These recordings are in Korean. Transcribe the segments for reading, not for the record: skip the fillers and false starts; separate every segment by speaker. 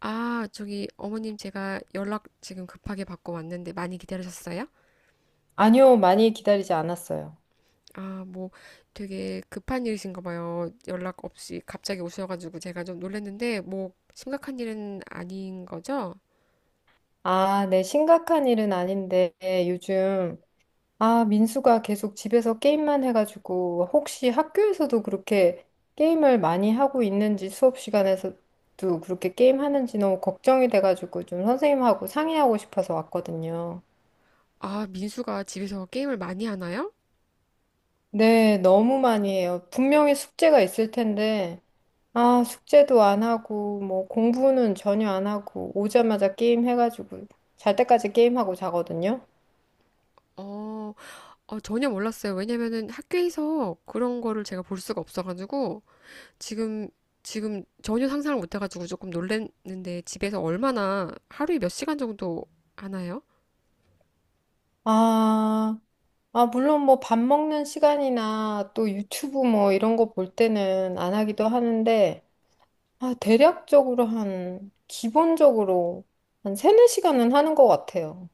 Speaker 1: 아, 저기 어머님, 제가 연락 지금 급하게 받고 왔는데 많이 기다리셨어요?
Speaker 2: 아니요, 많이 기다리지 않았어요.
Speaker 1: 아, 뭐 되게 급한 일이신가 봐요. 연락 없이 갑자기 오셔가지고 제가 좀 놀랐는데 뭐 심각한 일은 아닌 거죠?
Speaker 2: 아, 네, 심각한 일은 아닌데, 요즘, 아, 민수가 계속 집에서 게임만 해가지고, 혹시 학교에서도 그렇게 게임을 많이 하고 있는지, 수업 시간에서도 그렇게 게임하는지 너무 걱정이 돼가지고, 좀 선생님하고 상의하고 싶어서 왔거든요.
Speaker 1: 아, 민수가 집에서 게임을 많이 하나요?
Speaker 2: 네, 너무 많이 해요. 분명히 숙제가 있을 텐데, 아, 숙제도 안 하고, 뭐, 공부는 전혀 안 하고, 오자마자 게임 해가지고, 잘 때까지 게임하고 자거든요.
Speaker 1: 어, 전혀 몰랐어요. 왜냐면은 학교에서 그런 거를 제가 볼 수가 없어가지고 지금 지금 전혀 상상을 못해가지고 조금 놀랐는데 집에서 얼마나 하루에 몇 시간 정도 하나요?
Speaker 2: 아, 아, 물론 뭐 밥 먹는 시간이나 또 유튜브 뭐 이런 거 볼 때는 안 하기도 하는데, 아, 대략적으로 한, 기본적으로 한 세네 시간은 하는 것 같아요.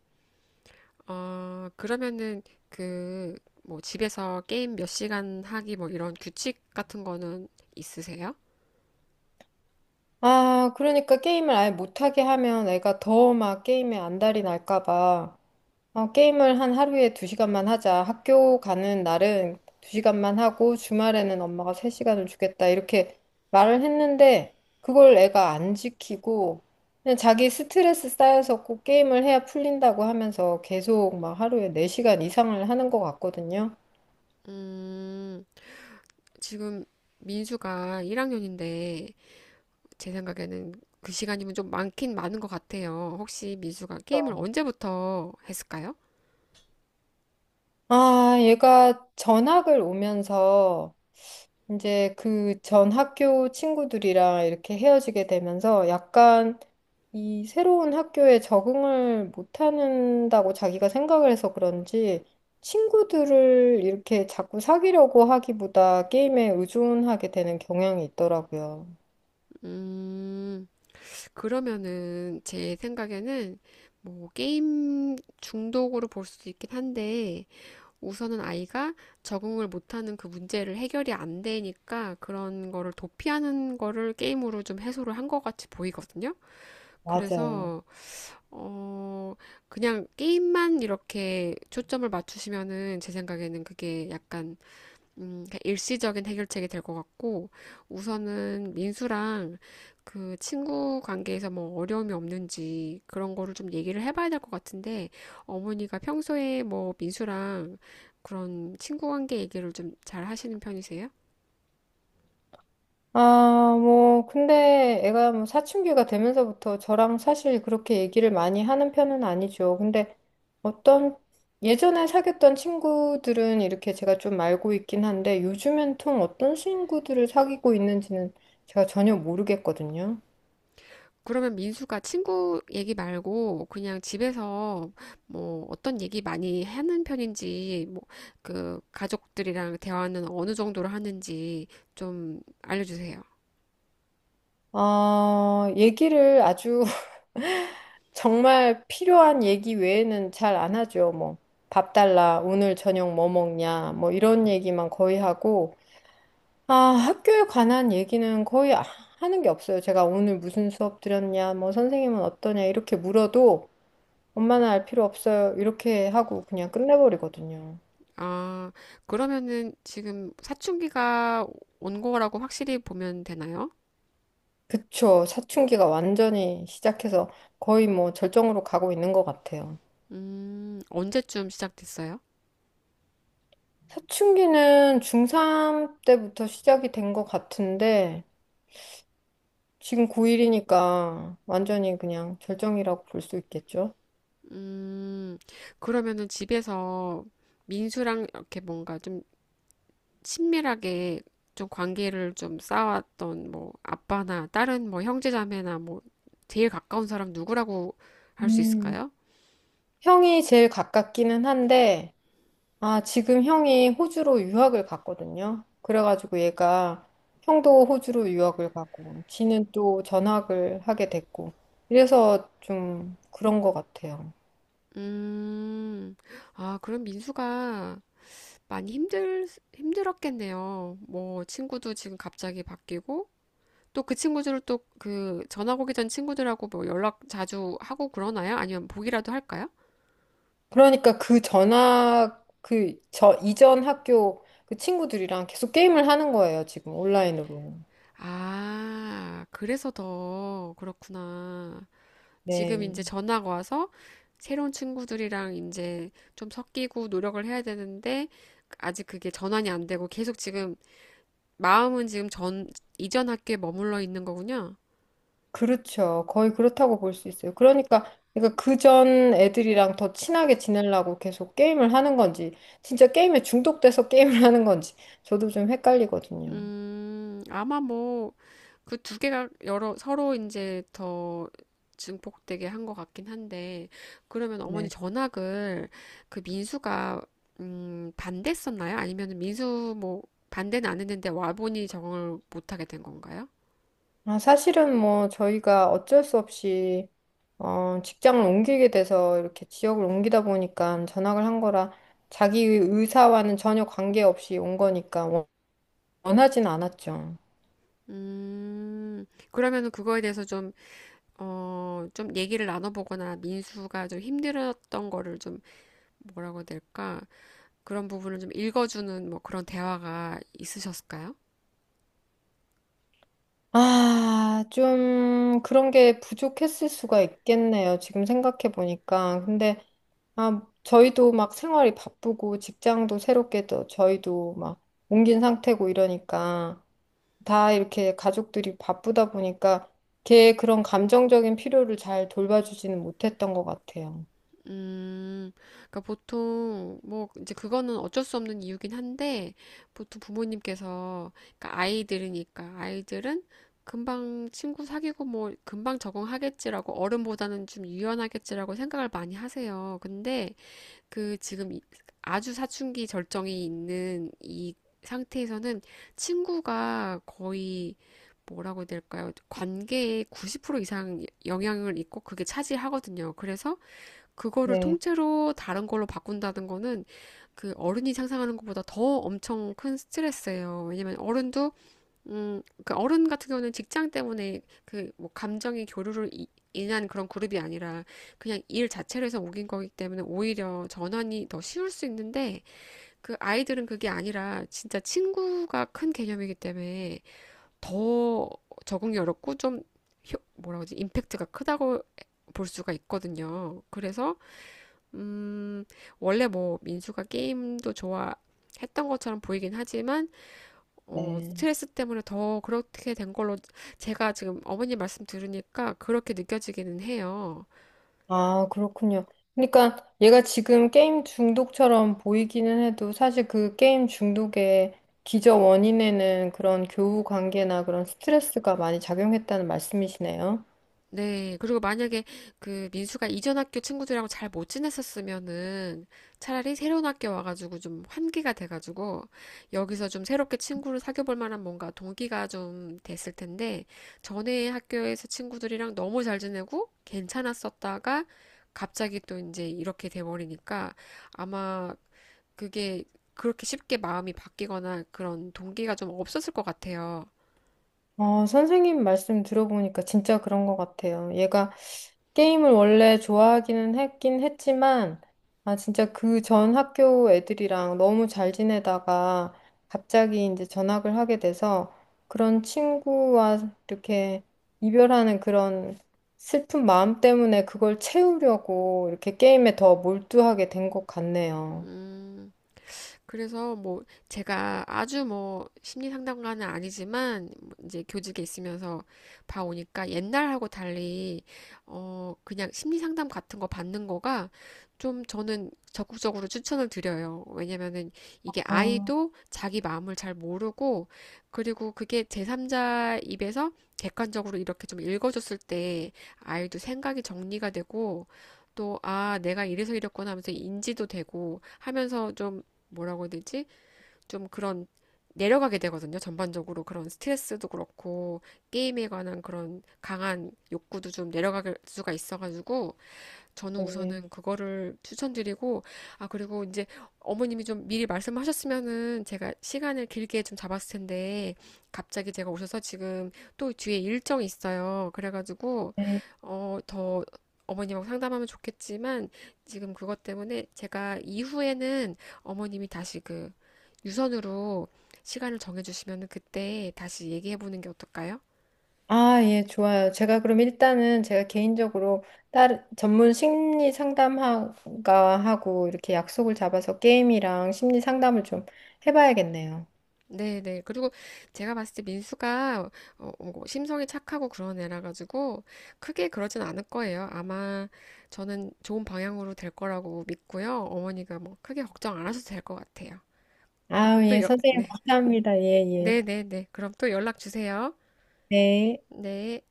Speaker 1: 어, 그러면은 그 뭐 집에서 게임 몇 시간 하기 뭐 이런 규칙 같은 거는 있으세요?
Speaker 2: 아, 그러니까 게임을 아예 못하게 하면 애가 더 막 게임에 안달이 날까 봐 어 게임을 한 하루에 두시간만 하자. 학교 가는 날은 두시간만 하고 주말에는 엄마가 세시간을 주겠다. 이렇게 말을 했는데 그걸 애가 안 지키고 그냥 자기 스트레스 쌓여서 꼭 게임을 해야 풀린다고 하면서 계속 막 하루에 네시간 이상을 하는 것 같거든요.
Speaker 1: 음, 지금 민수가 1학년인데 제 생각에는 그 시간이면 좀 많긴 많은 것 같아요. 혹시 민수가 게임을 언제부터 했을까요?
Speaker 2: 아, 얘가 전학을 오면서 이제 그 전 학교 친구들이랑 이렇게 헤어지게 되면서 약간 이 새로운 학교에 적응을 못한다고 자기가 생각을 해서 그런지 친구들을 이렇게 자꾸 사귀려고 하기보다 게임에 의존하게 되는 경향이 있더라고요.
Speaker 1: 음, 그러면은 제 생각에는 뭐 게임 중독으로 볼 수도 있긴 한데 우선은 아이가 적응을 못하는 그 문제를 해결이 안 되니까 그런 거를 도피하는 거를 게임으로 좀 해소를 한 것 같이 보이거든요.
Speaker 2: 맞아요.
Speaker 1: 그래서, 어, 그냥 게임만 이렇게 초점을 맞추시면은 제 생각에는 그게 약간 그러니까 일시적인 해결책이 될 것 같고, 우선은 민수랑 그 친구 관계에서 뭐 어려움이 없는지 그런 거를 좀 얘기를 해봐야 될 것 같은데, 어머니가 평소에 뭐 민수랑 그런 친구 관계 얘기를 좀 잘 하시는 편이세요?
Speaker 2: 아, 뭐, 근데 애가 뭐 사춘기가 되면서부터 저랑 사실 그렇게 얘기를 많이 하는 편은 아니죠. 근데 어떤 예전에 사귀었던 친구들은 이렇게 제가 좀 알고 있긴 한데 요즘엔 통 어떤 친구들을 사귀고 있는지는 제가 전혀 모르겠거든요.
Speaker 1: 그러면 민수가 친구 얘기 말고 그냥 집에서 뭐 어떤 얘기 많이 하는 편인지, 뭐 그 가족들이랑 대화는 어느 정도로 하는지 좀 알려주세요.
Speaker 2: 아, 얘기를 아주 정말 필요한 얘기 외에는 잘 안 하죠. 뭐, 밥 달라, 오늘 저녁 뭐 먹냐, 뭐 이런 얘기만 거의 하고 아, 학교에 관한 얘기는 하는 게 없어요. 제가 오늘 무슨 수업 들었냐, 뭐 선생님은 어떠냐 이렇게 물어도 엄마는 알 필요 없어요. 이렇게 하고 그냥 끝내버리거든요.
Speaker 1: 아, 그러면은 지금 사춘기가 온 거라고 확실히 보면 되나요?
Speaker 2: 그쵸. 사춘기가 완전히 시작해서 거의 뭐 절정으로 가고 있는 것 같아요.
Speaker 1: 언제쯤 시작됐어요?
Speaker 2: 사춘기는 중3 때부터 시작이 된 것 같은데 지금 고1이니까 완전히 그냥 절정이라고 볼 수 있겠죠.
Speaker 1: 음, 그러면은 집에서 민수랑 이렇게 뭔가 좀 친밀하게 좀 관계를 좀 쌓았던 뭐 아빠나 다른 뭐 형제자매나 뭐 제일 가까운 사람 누구라고 할 수
Speaker 2: 음.
Speaker 1: 있을까요?
Speaker 2: 형이 제일 가깝기는 한데 아, 지금 형이 호주로 유학을 갔거든요. 그래가지고 얘가 형도 호주로 유학을 가고, 지는 또 전학을 하게 됐고, 이래서 좀 그런 것 같아요.
Speaker 1: 음, 아, 그럼 민수가 많이 힘들, 힘들었겠네요. 뭐, 친구도 지금 갑자기 바뀌고, 또 그 친구들을 또 그 전학 오기 전 친구들하고 뭐 연락 자주 하고 그러나요? 아니면 보기라도 할까요?
Speaker 2: 그러니까 그 전학, 그, 저 이전 학교 그 친구들이랑 계속 게임을 하는 거예요, 지금 온라인으로.
Speaker 1: 아, 그래서 더 그렇구나. 지금
Speaker 2: 네.
Speaker 1: 이제 전학 와서 새로운 친구들이랑 이제 좀 섞이고 노력을 해야 되는데, 아직 그게 전환이 안 되고 계속 지금 마음은 지금 전, 이전 학교에 머물러 있는 거군요.
Speaker 2: 그렇죠. 거의 그렇다고 볼 수 있어요. 그러니까, 그전 애들이랑 더 친하게 지내려고 계속 게임을 하는 건지, 진짜 게임에 중독돼서 게임을 하는 건지, 저도 좀 헷갈리거든요.
Speaker 1: 아마 뭐, 그 두 개가 서로 이제 더 증폭되게 한 것 같긴 한데, 그러면 어머니
Speaker 2: 네.
Speaker 1: 전학을 그 민수가, 반대했었나요? 아니면 민수 뭐, 반대는 안 했는데 와보니 적응을 못하게 된 건가요?
Speaker 2: 아, 사실은 뭐 저희가 어쩔 수 없이 어, 직장을 옮기게 돼서 이렇게 지역을 옮기다 보니까 전학을 한 거라 자기 의사와는 전혀 관계없이 온 거니까 원하진 않았죠.
Speaker 1: 그러면은 그거에 대해서 좀, 어, 좀 얘기를 나눠보거나 민수가 좀 힘들었던 거를 좀, 뭐라고 해야 될까? 그런 부분을 좀 읽어주는 뭐 그런 대화가 있으셨을까요?
Speaker 2: 아, 좀 그런 게 부족했을 수가 있겠네요. 지금 생각해 보니까. 근데 아, 저희도 막 생활이 바쁘고 직장도 새롭게 또 저희도 막 옮긴 상태고 이러니까 다 이렇게 가족들이 바쁘다 보니까 걔 그런 감정적인 필요를 잘 돌봐주지는 못했던 것 같아요.
Speaker 1: 음, 그러니까 보통 뭐 이제 그거는 어쩔 수 없는 이유긴 한데 보통 부모님께서 그러니까 아이들이니까 아이들은 금방 친구 사귀고 뭐 금방 적응하겠지라고 어른보다는 좀 유연하겠지라고 생각을 많이 하세요. 근데 그 지금 이- 아주 사춘기 절정이 있는 이 상태에서는 친구가 거의 뭐라고 해야 될까요? 관계의 90% 이상 영향을 있고 그게 차지하거든요. 그래서 그거를
Speaker 2: 네,
Speaker 1: 통째로 다른 걸로 바꾼다는 거는 그 어른이 상상하는 것보다 더 엄청 큰 스트레스예요. 왜냐면 어른도 그 어른 같은 경우는 직장 때문에 그 뭐 감정의 교류를 이- 인한 그런 그룹이 아니라 그냥 일 자체를 해서 옮긴 거기 때문에 오히려 전환이 더 쉬울 수 있는데 그 아이들은 그게 아니라 진짜 친구가 큰 개념이기 때문에 더 적응이 어렵고 좀 효- 뭐라고 지 임팩트가 크다고 볼 수가 있거든요. 그래서 음, 원래 뭐 민수가 게임도 좋아했던 것처럼 보이긴 하지만, 어,
Speaker 2: 네.
Speaker 1: 스트레스 때문에 더 그렇게 된 걸로 제가 지금 어머니 말씀 들으니까 그렇게 느껴지기는 해요.
Speaker 2: 아, 그렇군요. 그러니까 얘가 지금 게임 중독처럼 보이기는 해도 사실 그 게임 중독의 기저 원인에는 그런 교우 관계나 그런 스트레스가 많이 작용했다는 말씀이시네요.
Speaker 1: 네. 그리고 만약에 그 민수가 이전 학교 친구들이랑 잘 못 지냈었으면은 차라리 새로운 학교 와가지고 좀 환기가 돼가지고 여기서 좀 새롭게 친구를 사귀어 볼 만한 뭔가 동기가 좀 됐을 텐데 전에 학교에서 친구들이랑 너무 잘 지내고 괜찮았었다가 갑자기 또 이제 이렇게 돼버리니까 아마 그게 그렇게 쉽게 마음이 바뀌거나 그런 동기가 좀 없었을 것 같아요.
Speaker 2: 어, 선생님 말씀 들어보니까 진짜 그런 것 같아요. 얘가 게임을 원래 좋아하기는 했긴 했지만, 아, 진짜 그 전 학교 애들이랑 너무 잘 지내다가 갑자기 이제 전학을 하게 돼서 그런 친구와 이렇게 이별하는 그런 슬픈 마음 때문에 그걸 채우려고 이렇게 게임에 더 몰두하게 된 것 같네요.
Speaker 1: 음. 그래서 뭐 제가 아주 뭐 심리 상담가는 아니지만 이제 교직에 있으면서 봐오니까 옛날하고 달리 어 그냥 심리 상담 같은 거 받는 거가 좀 저는 적극적으로 추천을 드려요. 왜냐면은 이게
Speaker 2: 아,
Speaker 1: 아이도 자기 마음을 잘 모르고 그리고 그게 제3자 입에서 객관적으로 이렇게 좀 읽어줬을 때 아이도 생각이 정리가 되고 또, 아, 내가 이래서 이랬구나 하면서 인지도 되고 하면서 좀 뭐라고 해야 되지? 좀 그런 내려가게 되거든요. 전반적으로 그런 스트레스도 그렇고 게임에 관한 그런 강한 욕구도 좀 내려갈 수가 있어가지고 저는
Speaker 2: 네.
Speaker 1: 우선은 그거를 추천드리고, 아, 그리고 이제 어머님이 좀 미리 말씀하셨으면은 제가 시간을 길게 좀 잡았을 텐데, 갑자기 제가 오셔서 지금 또 뒤에 일정이 있어요. 그래가지고,
Speaker 2: 네.
Speaker 1: 어, 더 어머님하고 상담하면 좋겠지만, 지금 그것 때문에 제가 이후에는 어머님이 다시 그 유선으로 시간을 정해주시면은 그때 다시 얘기해보는 게 어떨까요?
Speaker 2: 아, 예, 좋아요. 제가 그럼 일단은 제가 개인적으로 다른 전문 심리 상담가하고 이렇게 약속을 잡아서 게임이랑 심리 상담을 좀 해봐야겠네요.
Speaker 1: 네네. 그리고 제가 봤을 때 민수가 뭐 심성이 착하고 그런 애라 가지고 크게 그러진 않을 거예요. 아마 저는 좋은 방향으로 될 거라고 믿고요. 어머니가 뭐 크게 걱정 안 하셔도 될 것 같아요.
Speaker 2: 아,
Speaker 1: 그러면
Speaker 2: 예, 선생님
Speaker 1: 네.
Speaker 2: 감사합니다. 예, 예.
Speaker 1: 네네네. 그럼 또 연락 주세요.
Speaker 2: 네.
Speaker 1: 네.